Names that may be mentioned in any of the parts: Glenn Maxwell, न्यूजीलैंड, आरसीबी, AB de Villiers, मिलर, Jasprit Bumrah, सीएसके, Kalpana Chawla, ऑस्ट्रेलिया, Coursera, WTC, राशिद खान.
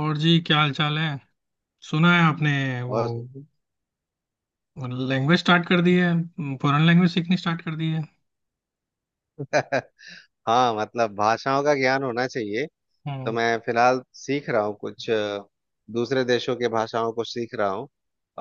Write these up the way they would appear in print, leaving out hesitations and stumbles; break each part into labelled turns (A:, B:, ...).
A: और जी क्या हाल चाल है। सुना है आपने वो
B: और
A: लैंग्वेज स्टार्ट कर दी है, फॉरेन लैंग्वेज सीखनी स्टार्ट कर दी है।
B: हाँ मतलब भाषाओं का ज्ञान होना चाहिए। तो
A: हम्म
B: मैं फिलहाल सीख रहा हूँ कुछ दूसरे देशों के भाषाओं को सीख रहा हूँ।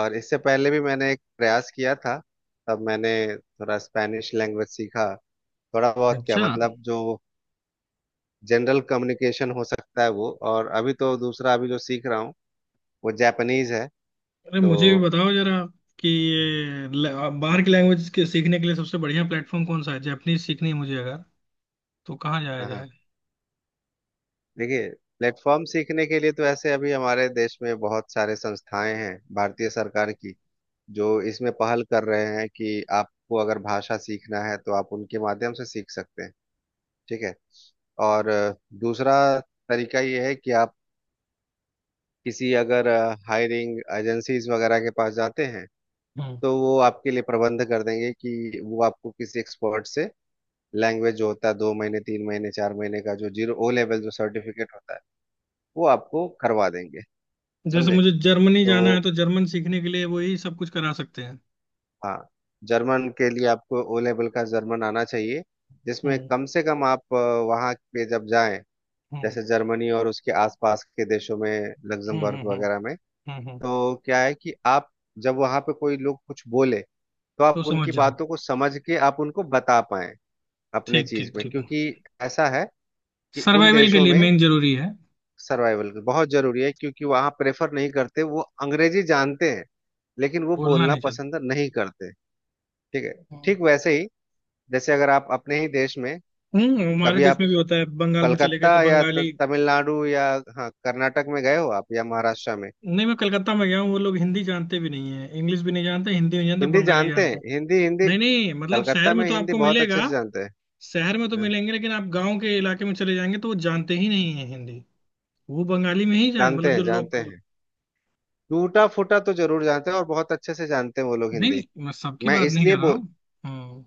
B: और इससे पहले भी मैंने एक प्रयास किया था, तब मैंने थोड़ा स्पेनिश लैंग्वेज सीखा। थोड़ा बहुत क्या,
A: अच्छा,
B: मतलब जो जनरल कम्युनिकेशन हो सकता है वो। और अभी तो दूसरा अभी जो सीख रहा हूँ वो जापानीज है।
A: अरे
B: तो
A: मुझे भी बताओ जरा कि बाहर की लैंग्वेज के सीखने के लिए सबसे बढ़िया प्लेटफॉर्म कौन सा है। जैपनीज सीखनी है मुझे, अगर तो कहाँ जाया
B: हाँ,
A: जाए।
B: देखिए, प्लेटफॉर्म सीखने के लिए तो ऐसे अभी हमारे देश में बहुत सारे संस्थाएं हैं भारतीय सरकार की, जो इसमें पहल कर रहे हैं कि आपको अगर भाषा सीखना है तो आप उनके माध्यम से सीख सकते हैं। ठीक है। और दूसरा तरीका ये है कि आप किसी अगर हायरिंग एजेंसीज वगैरह के पास जाते हैं
A: हम्म।
B: तो वो आपके लिए प्रबंध कर देंगे कि वो आपको किसी एक्सपर्ट से लैंग्वेज जो होता है 2 महीने 3 महीने 4 महीने का जो जीरो ओ लेवल जो सर्टिफिकेट होता है वो आपको करवा देंगे।
A: जैसे
B: समझे।
A: मुझे जर्मनी
B: तो
A: जाना है तो जर्मन सीखने के लिए वो यही सब कुछ करा सकते हैं।
B: हाँ, जर्मन के लिए आपको ओ लेवल का जर्मन आना चाहिए, जिसमें
A: हम्म
B: कम से कम आप वहाँ पे जब जाएं,
A: हम्म
B: जैसे जर्मनी और उसके आसपास के देशों में,
A: हम्म
B: लग्जमबर्ग
A: हम्म हम्म
B: वगैरह में,
A: हम्म।
B: तो क्या है कि आप जब वहाँ पे कोई लोग कुछ बोले तो आप
A: तो समझ
B: उनकी
A: जाओ।
B: बातों को समझ के आप उनको बता पाएं अपने
A: ठीक ठीक
B: चीज में।
A: ठीक।
B: क्योंकि ऐसा है कि उन
A: सर्वाइवल के
B: देशों
A: लिए
B: में
A: मेन जरूरी है।
B: सर्वाइवल बहुत जरूरी है, क्योंकि वहाँ प्रेफर नहीं करते। वो अंग्रेजी जानते हैं लेकिन वो
A: बोलना
B: बोलना
A: नहीं चाहते।
B: पसंद नहीं करते। ठीक है। ठीक वैसे ही, जैसे अगर आप अपने ही देश में
A: हम्म, हमारे
B: कभी
A: देश
B: आप
A: में भी होता है, बंगाल में चले गए तो
B: कलकत्ता या
A: बंगाली।
B: तमिलनाडु या हाँ कर्नाटक में गए हो आप, या महाराष्ट्र में।
A: नहीं, मैं कलकत्ता में गया हूँ, वो लोग हिंदी जानते भी नहीं है, इंग्लिश भी नहीं जानते, हिंदी नहीं जानते,
B: हिंदी
A: बंगाली
B: जानते
A: जानते
B: हैं,
A: हैं।
B: हिंदी हिंदी।
A: नहीं नहीं, मतलब शहर
B: कलकत्ता
A: में
B: में
A: तो
B: हिंदी
A: आपको
B: बहुत
A: मिलेगा।
B: अच्छे से जानते हैं।
A: शहर में तो
B: हाँ,
A: मिलेंगे, लेकिन आप गांव के इलाके में चले जाएंगे तो वो जानते ही नहीं है हिंदी। वो बंगाली में ही जान,
B: जानते
A: मतलब जो
B: हैं जानते
A: लोग।
B: हैं, टूटा फूटा तो जरूर जानते हैं, और बहुत अच्छे से जानते हैं वो लोग
A: नहीं
B: हिंदी।
A: नहीं, मैं सबकी
B: मैं
A: बात नहीं
B: इसलिए
A: कर रहा
B: बोल,
A: हूँ। हम्म।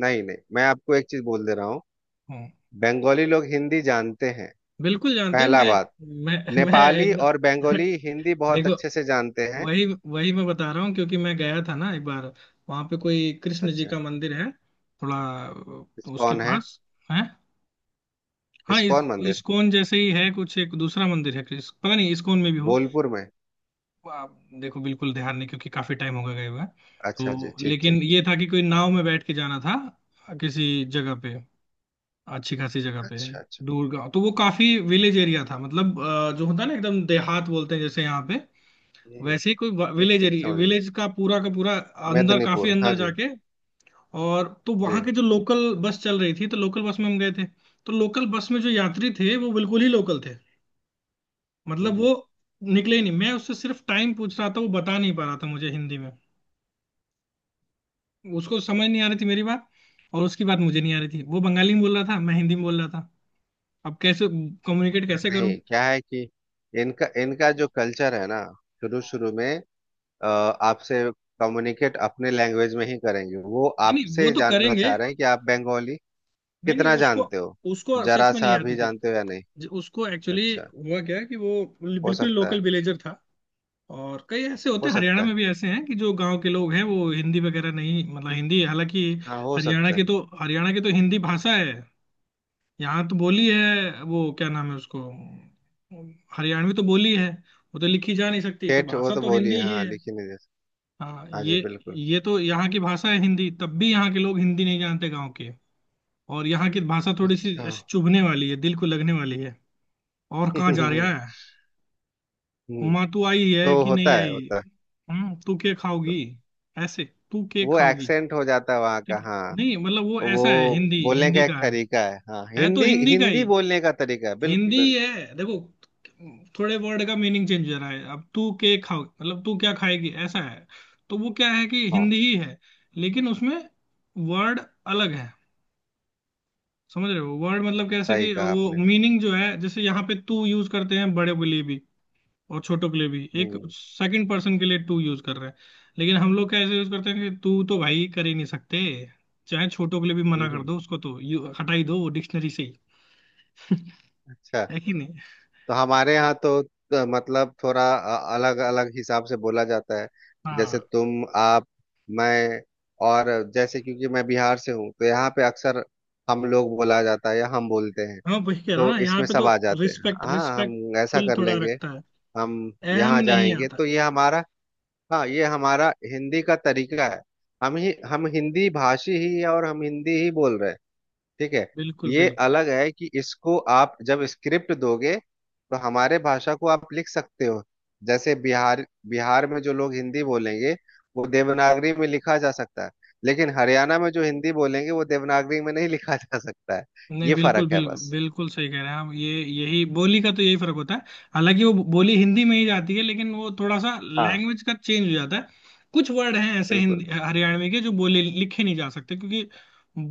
B: नहीं नहीं, मैं आपको एक चीज बोल दे रहा हूँ,
A: हम्म।
B: बंगाली लोग हिंदी जानते हैं।
A: बिल्कुल जानते हैं।
B: पहला
A: मैं
B: बात,
A: मैं मैं
B: नेपाली
A: एक
B: और बंगाली हिंदी बहुत
A: देखो,
B: अच्छे से जानते हैं।
A: वही वही मैं बता रहा हूँ क्योंकि मैं गया था ना एक बार। वहां पे कोई कृष्ण जी का
B: अच्छा।
A: मंदिर है थोड़ा। उसके
B: इस्कॉन है।
A: पास है। हाँ, इस
B: इस्कॉन मंदिर
A: इस्कॉन जैसे ही है कुछ, एक दूसरा मंदिर है कृष्ण, पता नहीं इस्कॉन में भी हो।
B: बोलपुर में।
A: आप देखो, बिल्कुल ध्यान नहीं, क्योंकि काफी टाइम हो गया गए हुए।
B: अच्छा जी,
A: तो
B: ठीक ठीक
A: लेकिन
B: ठीक।
A: ये था कि कोई नाव में बैठ के जाना था, किसी जगह पे, अच्छी खासी जगह पे,
B: अच्छा अच्छा।
A: दूर गाँव। तो वो काफी विलेज एरिया था, मतलब जो होता है ना, एकदम देहात बोलते हैं जैसे यहाँ पे,
B: हम्म,
A: वैसे ही कोई
B: ठीक
A: विलेज
B: ठीक
A: एरिया,
B: समझ गए।
A: विलेज का पूरा अंदर, काफी
B: मेदिनीपुर,
A: अंदर
B: हाँ जी।
A: जाके। और तो
B: जी।
A: वहां के जो लोकल बस चल रही थी, तो लोकल बस में हम गए थे। तो लोकल बस में जो यात्री थे वो बिल्कुल ही लोकल थे।
B: हम्म
A: मतलब
B: हम्म।
A: वो निकले ही नहीं, मैं उससे सिर्फ टाइम पूछ रहा था, वो बता नहीं पा रहा था मुझे हिंदी में। उसको समझ नहीं आ रही थी मेरी बात, और उसकी बात मुझे नहीं आ रही थी। वो बंगाली में बोल रहा था, मैं हिंदी में बोल रहा था। अब कैसे, कम्युनिकेट कैसे करूं।
B: नहीं, क्या है कि इनका इनका जो कल्चर है ना, शुरू शुरू में आपसे कम्युनिकेट अपने लैंग्वेज में ही करेंगे। वो
A: नहीं नहीं, वो
B: आपसे
A: तो
B: जानना
A: करेंगे।
B: चाह रहे हैं कि आप बंगाली
A: नहीं नहीं,
B: कितना
A: उसको,
B: जानते हो,
A: उसको सच
B: जरा
A: में नहीं
B: सा भी
A: आती थी।
B: जानते हो या नहीं।
A: उसको एक्चुअली
B: अच्छा।
A: हुआ क्या कि वो
B: हो
A: बिल्कुल
B: सकता
A: लोकल
B: है,
A: विलेजर था। और कई ऐसे होते
B: हो
A: हैं, हरियाणा
B: सकता है।
A: में भी ऐसे हैं कि जो गांव के लोग हैं वो हिंदी वगैरह नहीं, मतलब हिंदी हालांकि
B: हाँ हो सकता है।
A: हरियाणा की तो हिंदी भाषा है। यहाँ तो बोली है, वो क्या नाम है उसको, हरियाणवी तो बोली है। वो तो लिखी जा नहीं सकती, तो
B: ठेठ वो
A: भाषा
B: तो
A: तो
B: बोली
A: हिंदी
B: है,
A: ही
B: हाँ
A: है।
B: लिखी नहीं, जैसे।
A: हाँ
B: हाँ जी
A: ये
B: बिल्कुल।
A: ये तो यहाँ की भाषा है हिंदी, तब भी यहाँ के लोग हिंदी नहीं जानते, गांव के। और यहाँ की भाषा थोड़ी सी
B: अच्छा।
A: ऐसे चुभने वाली है, दिल को लगने वाली है। और कहाँ जा
B: हम्म,
A: रहा है। माँ तू आई है
B: तो
A: कि नहीं
B: होता है,
A: आई।
B: होता
A: हम्म, तू क्या
B: है।
A: खाओगी। ऐसे, तू क्या
B: वो
A: खाओगी।
B: एक्सेंट हो जाता है वहाँ का,
A: ठीक है।
B: हाँ।
A: नहीं मतलब, वो
B: वो
A: ऐसा है, हिंदी
B: बोलने
A: हिंदी
B: का एक
A: का है।
B: तरीका है, हाँ,
A: है तो
B: हिंदी
A: हिंदी का
B: हिंदी
A: ही,
B: बोलने का तरीका है, बिल्कुल
A: हिंदी ही
B: बिल्कुल।
A: है। देखो, थोड़े वर्ड का मीनिंग चेंज हो रहा है, अब तू के खाओ मतलब तू क्या खाएगी, ऐसा है। तो वो क्या है कि
B: हाँ
A: हिंदी ही है, लेकिन उसमें वर्ड अलग है। समझ रहे हो वर्ड मतलब कैसे,
B: सही
A: कि
B: कहा
A: वो
B: आपने।
A: मीनिंग जो है जैसे यहाँ पे तू यूज करते हैं बड़े के लिए भी और छोटों के लिए भी, एक
B: हम्म
A: सेकंड पर्सन के लिए टू यूज कर रहे हैं। लेकिन हम लोग कैसे यूज करते हैं कि तू तो भाई कर ही नहीं सकते, चाहे छोटों के लिए भी मना कर
B: हम्म।
A: दो, उसको तो यू हटाई दो डिक्शनरी से ही।
B: अच्छा।
A: है कि नहीं।
B: तो हमारे यहाँ तो मतलब थोड़ा अलग अलग हिसाब से बोला जाता है। जैसे
A: हाँ
B: तुम, आप, मैं। और जैसे क्योंकि मैं बिहार से हूँ, तो यहाँ पे अक्सर हम लोग बोला जाता है, या हम बोलते हैं।
A: हाँ, वही कह रहा हूँ
B: तो
A: ना, यहाँ
B: इसमें
A: पे तो
B: सब आ जाते हैं।
A: रिस्पेक्ट,
B: हाँ, हम ऐसा
A: रिस्पेक्टफुल
B: कर
A: थोड़ा
B: लेंगे,
A: रखता है,
B: हम
A: अहम
B: यहाँ
A: नहीं
B: जाएंगे,
A: आता।
B: तो ये हमारा, हाँ, ये हमारा हिंदी का तरीका है। हम ही, हम हिंदी भाषी ही है और हम हिंदी ही बोल रहे हैं। ठीक है।
A: बिल्कुल
B: ये
A: बिल्कुल।
B: अलग है कि इसको आप जब स्क्रिप्ट दोगे, तो हमारे भाषा को आप लिख सकते हो। जैसे बिहार, बिहार में जो लोग हिंदी बोलेंगे वो देवनागरी में लिखा जा सकता है, लेकिन हरियाणा में जो हिंदी बोलेंगे वो देवनागरी में नहीं लिखा जा सकता है।
A: नहीं,
B: ये
A: बिल्कुल
B: फर्क है
A: बिल्कुल
B: बस।
A: बिल्कुल, सही कह रहे हैं आप, ये यही बोली का तो यही फर्क होता है। हालांकि वो बोली हिंदी में ही जाती है, लेकिन वो थोड़ा सा
B: हाँ
A: लैंग्वेज का चेंज हो जाता है। कुछ वर्ड हैं ऐसे
B: बिल्कुल।
A: हिंदी हरियाणवी के, जो बोले लिखे नहीं जा सकते क्योंकि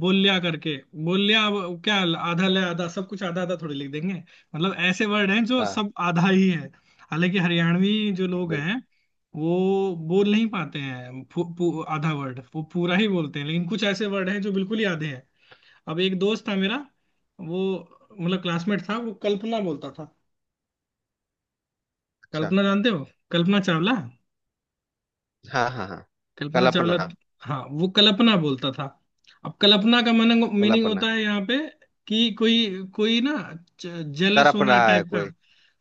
A: बोल्या करके, बोल्या, अब क्या आधा ले आधा, सब कुछ आधा आधा थोड़ी लिख देंगे। मतलब ऐसे वर्ड हैं जो
B: हाँ
A: सब आधा ही है। हालांकि हरियाणवी जो लोग
B: बिल्कुल।
A: हैं, वो बोल नहीं पाते हैं, पू, पू, आधा वर्ड वो पूरा ही बोलते हैं, लेकिन कुछ ऐसे वर्ड हैं जो बिल्कुल ही आधे हैं। अब एक दोस्त था मेरा, वो मतलब क्लासमेट था, वो कल्पना बोलता था।
B: अच्छा।
A: कल्पना जानते हो, कल्पना चावला,
B: हाँ हाँ हाँ।
A: कल्पना चावला।
B: कल्पना।
A: हाँ वो कल्पना बोलता था। अब कल्पना का मन, मीनिंग
B: कल्पना
A: होता है यहाँ पे कि कोई कोई ना, जेलस
B: तड़प
A: होना
B: रहा है
A: टाइप का।
B: कोई।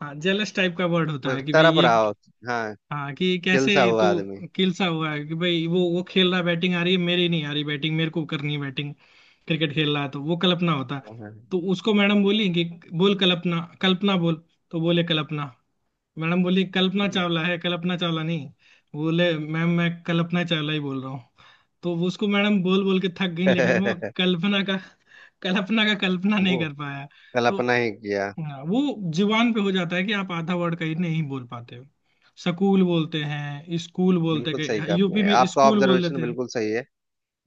A: हाँ, जेलस टाइप का वर्ड होता
B: वो
A: है कि भाई
B: तड़प
A: ये।
B: रहा हो, हाँ।
A: हाँ, कि कैसे
B: किलसा हुआ
A: तू
B: आदमी।
A: किलसा हुआ है, कि भाई वो खेल रहा, बैटिंग आ रही है मेरी, नहीं आ रही बैटिंग, मेरे को करनी है बैटिंग, क्रिकेट खेल रहा है, तो वो कल्पना होता।
B: हाँ।
A: तो उसको मैडम बोली कि बोल, कल्पना, कल्पना बोल। तो बोले कल्पना। मैडम बोली कल्पना चावला है, कल्पना चावला नहीं। बोले मैम, मैं कल्पना चावला ही बोल रहा हूँ। तो वो उसको मैडम बोल बोल के थक गई, लेकिन वो कल्पना का कल्पना का कल्पना
B: वो
A: नहीं कर पाया। तो
B: कल्पना ही किया।
A: हाँ, वो जुबान पे हो जाता है कि आप आधा वर्ड कहीं नहीं बोल पाते हो। सकूल बोलते हैं, स्कूल बोलते
B: बिल्कुल सही
A: हैं,
B: कहा
A: यूपी
B: आपने,
A: में
B: आपका
A: स्कूल बोल
B: ऑब्जर्वेशन
A: देते हैं।
B: बिल्कुल सही है।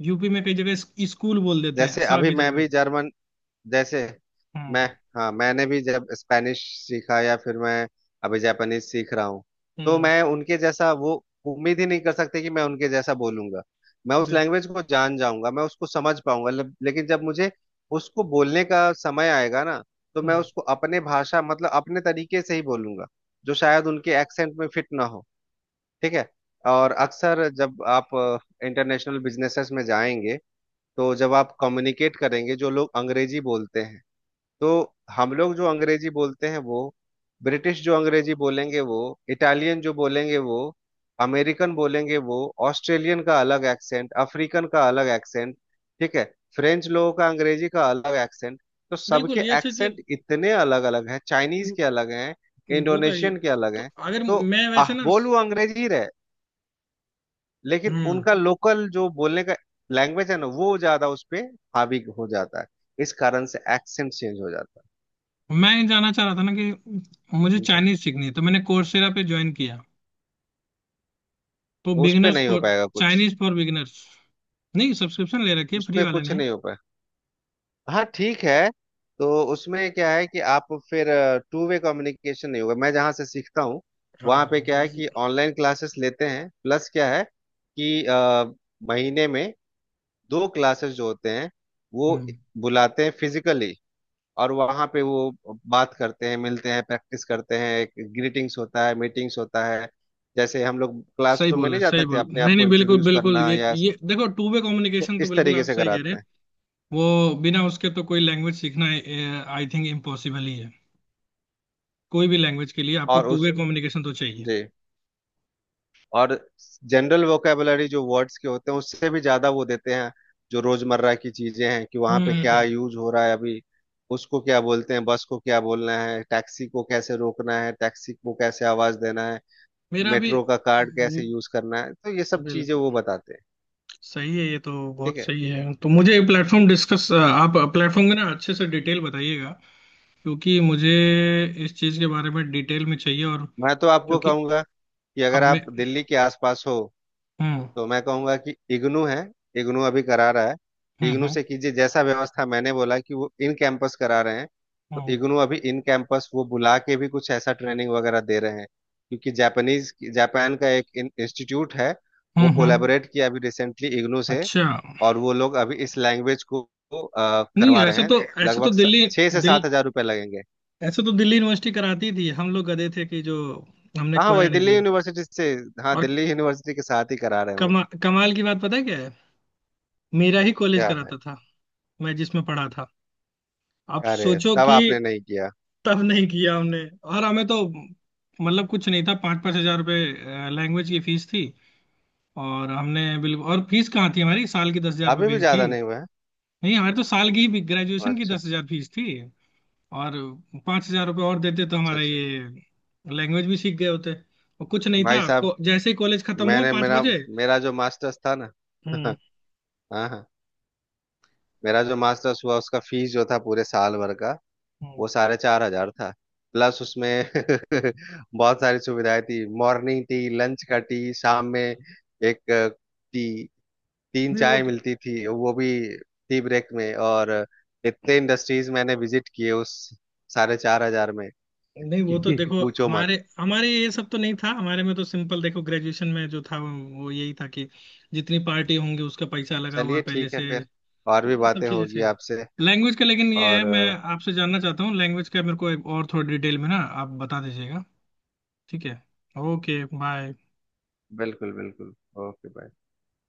A: यूपी में कई जगह स्कूल बोल देते हैं
B: जैसे
A: सा
B: अभी
A: की
B: मैं
A: जगह।
B: भी जर्मन, जैसे मैं,
A: हम्म।
B: हाँ मैंने भी जब स्पेनिश सीखा, या फिर मैं अभी जापानीज सीख रहा हूँ, तो
A: हम्म।
B: मैं उनके जैसा, वो उम्मीद ही नहीं कर सकते कि मैं उनके जैसा बोलूंगा। मैं उस
A: बिल्कुल।
B: लैंग्वेज को जान जाऊंगा, मैं उसको समझ पाऊंगा, लेकिन जब मुझे उसको बोलने का समय आएगा ना, तो मैं
A: हम्म,
B: उसको अपने भाषा, मतलब अपने तरीके से ही बोलूंगा, जो शायद उनके एक्सेंट में फिट ना हो। ठीक है। और अक्सर जब आप इंटरनेशनल बिजनेसेस में जाएंगे, तो जब आप कम्युनिकेट करेंगे जो लोग अंग्रेजी बोलते हैं, तो हम लोग जो अंग्रेजी बोलते हैं वो, ब्रिटिश जो अंग्रेजी बोलेंगे वो, इटालियन जो बोलेंगे वो, अमेरिकन बोलेंगे वो, ऑस्ट्रेलियन का अलग एक्सेंट, अफ्रीकन का अलग एक्सेंट, ठीक है, फ्रेंच लोगों का अंग्रेजी का अलग एक्सेंट। तो
A: बिल्कुल
B: सबके
A: ये अच्छी चीज।
B: एक्सेंट इतने अलग अलग हैं,
A: हम्म,
B: चाइनीज के अलग हैं,
A: वो तो है ही है।
B: इंडोनेशियन के अलग
A: तो
B: हैं।
A: अगर
B: तो
A: मैं वैसे
B: आह,
A: ना,
B: बोल वो अंग्रेजी ही रहे, लेकिन
A: हम्म,
B: उनका लोकल जो बोलने का लैंग्वेज है ना, वो ज्यादा उस पे हावी हो जाता है। इस कारण से एक्सेंट चेंज हो जाता है।
A: मैं ये जानना चाह रहा था ना कि मुझे
B: समझे?
A: चाइनीज सीखनी है, तो मैंने कोर्सेरा पे ज्वाइन किया, तो
B: उस पे
A: बिगिनर्स
B: नहीं हो
A: फॉर,
B: पाएगा कुछ,
A: चाइनीज फॉर बिगिनर्स। नहीं, सब्सक्रिप्शन ले रखी है
B: उस
A: फ्री
B: पे
A: वाले
B: कुछ
A: ने।
B: नहीं हो पाएगा। हाँ ठीक है। तो उसमें क्या है कि आप फिर टू वे कम्युनिकेशन नहीं होगा। मैं जहाँ से सीखता हूँ वहाँ
A: हाँ
B: पे क्या है
A: ये-
B: कि ऑनलाइन क्लासेस लेते हैं, प्लस क्या है कि महीने में दो क्लासेस जो होते हैं, वो बुलाते हैं फिजिकली। और वहाँ पे वो बात करते हैं, मिलते हैं, प्रैक्टिस करते हैं। ग्रीटिंग्स होता है, मीटिंग्स होता है, जैसे हम लोग
A: सही
B: क्लासरूम में
A: बोले,
B: नहीं जाते
A: सही
B: थे
A: बोल,
B: अपने आप
A: नहीं
B: को
A: नहीं, बिल्कुल
B: इंट्रोड्यूस
A: बिल्कुल,
B: करना,
A: ये
B: या
A: ये देखो, टू वे
B: तो
A: कम्युनिकेशन, तो
B: इस
A: बिल्कुल
B: तरीके
A: आप
B: से
A: सही कह रहे
B: कराते
A: हैं।
B: हैं।
A: वो बिना उसके तो कोई लैंग्वेज सीखना, आई थिंक इम्पॉसिबल ही है। कोई भी लैंग्वेज के लिए आपको
B: और
A: टू
B: उस,
A: वे कम्युनिकेशन तो चाहिए।
B: जी, और जनरल वोकेबलरी जो वर्ड्स के होते हैं उससे भी ज्यादा वो देते हैं, जो रोजमर्रा की चीजें हैं, कि वहां
A: हम्म
B: पे
A: हम्म,
B: क्या
A: हम्म।
B: यूज हो रहा है अभी, उसको क्या बोलते हैं, बस को क्या बोलना है, टैक्सी को कैसे रोकना है, टैक्सी को कैसे आवाज देना है,
A: मेरा भी
B: मेट्रो का कार्ड कैसे
A: बिल्कुल
B: यूज करना है। तो ये सब चीजें वो बताते हैं।
A: सही है, ये तो बहुत
B: ठीक है।
A: सही है। तो मुझे प्लेटफॉर्म डिस्कस, आप प्लेटफॉर्म में ना अच्छे से डिटेल बताइएगा, क्योंकि मुझे इस चीज के बारे में डिटेल में चाहिए। और
B: मैं तो आपको
A: क्योंकि
B: कहूंगा कि
A: अब
B: अगर
A: मैं,
B: आप दिल्ली के आसपास हो,
A: हम्म।
B: तो मैं कहूंगा कि इग्नू है। इग्नू अभी करा रहा है।
A: हम्म
B: इग्नू
A: हम्म
B: से कीजिए, जैसा व्यवस्था मैंने बोला कि वो इन कैंपस करा रहे हैं। तो
A: हम्म
B: इग्नू अभी इन कैंपस वो बुला के भी कुछ ऐसा ट्रेनिंग वगैरह दे रहे हैं, क्योंकि जापानीज, जापान का एक इंस्टीट्यूट है, वो
A: हम्म हम्म।
B: कोलैबोरेट किया अभी रिसेंटली इग्नू से।
A: अच्छा।
B: और वो लोग अभी इस लैंग्वेज को
A: नहीं
B: करवा रहे
A: ऐसा
B: हैं।
A: तो ऐसा तो
B: लगभग
A: दिल्ली,
B: छह से
A: दिल
B: सात हजार रुपये लगेंगे।
A: ऐसा तो दिल्ली यूनिवर्सिटी कराती थी, हम लोग गधे थे कि जो हमने
B: हाँ हाँ,
A: करा
B: वही
A: नहीं जो।
B: दिल्ली यूनिवर्सिटी से। हाँ,
A: और
B: दिल्ली यूनिवर्सिटी के साथ ही करा रहे हैं वो।
A: कमाल की बात पता है क्या है, मेरा ही कॉलेज
B: क्या है।
A: कराता था, मैं जिसमें पढ़ा था। आप
B: अरे,
A: सोचो
B: तब
A: कि
B: आपने नहीं किया।
A: तब नहीं किया हमने, और हमें तो मतलब कुछ नहीं था, 5-5 हजार रुपये लैंग्वेज की फीस थी, और हमने बिल्कुल, और फीस कहाँ थी हमारी, साल की दस हजार
B: अभी
A: रुपये
B: भी
A: फीस थी।
B: ज्यादा नहीं हुआ है।
A: नहीं हमारी तो साल की ही ग्रेजुएशन की
B: अच्छा अच्छा।
A: 10 हजार फीस थी, और 5 हजार रुपये और देते तो
B: अच्छा
A: हमारा
B: अच्छा।
A: ये लैंग्वेज भी सीख गए होते। और कुछ नहीं
B: भाई
A: था,
B: साहब,
A: जैसे ही कॉलेज खत्म हुआ
B: मैंने
A: पांच
B: मेरा,
A: बजे
B: जो मास्टर्स था ना
A: हम्म
B: हाँ हाँ। मेरा जो मास्टर्स हुआ उसका फीस जो था पूरे साल भर का,
A: हम्म।
B: वो साढ़े चार हजार था। प्लस उसमें बहुत सारी सुविधाएं थी, मॉर्निंग टी, लंच का टी, शाम में एक टी, तीन
A: नहीं वो
B: चाय
A: तो
B: मिलती थी वो भी टी ब्रेक में। और इतने इंडस्ट्रीज मैंने विजिट किए उस 4,500 में
A: नहीं
B: कि
A: वो तो देखो,
B: पूछो।
A: हमारे हमारे ये सब तो नहीं था, हमारे में तो सिंपल देखो, ग्रेजुएशन में जो था वो यही था कि जितनी पार्टी होंगी उसका पैसा लगा हुआ है
B: चलिए
A: पहले
B: ठीक है,
A: से।
B: फिर और
A: तो
B: भी
A: ये सब
B: बातें
A: चीजें
B: होगी
A: थे
B: आपसे।
A: लैंग्वेज का। लेकिन ये
B: और
A: है, मैं आपसे जानना चाहता हूँ लैंग्वेज का, मेरे को एक और थोड़ी डिटेल में ना आप बता दीजिएगा। ठीक है, ओके बाय।
B: बिल्कुल बिल्कुल। Okay bye.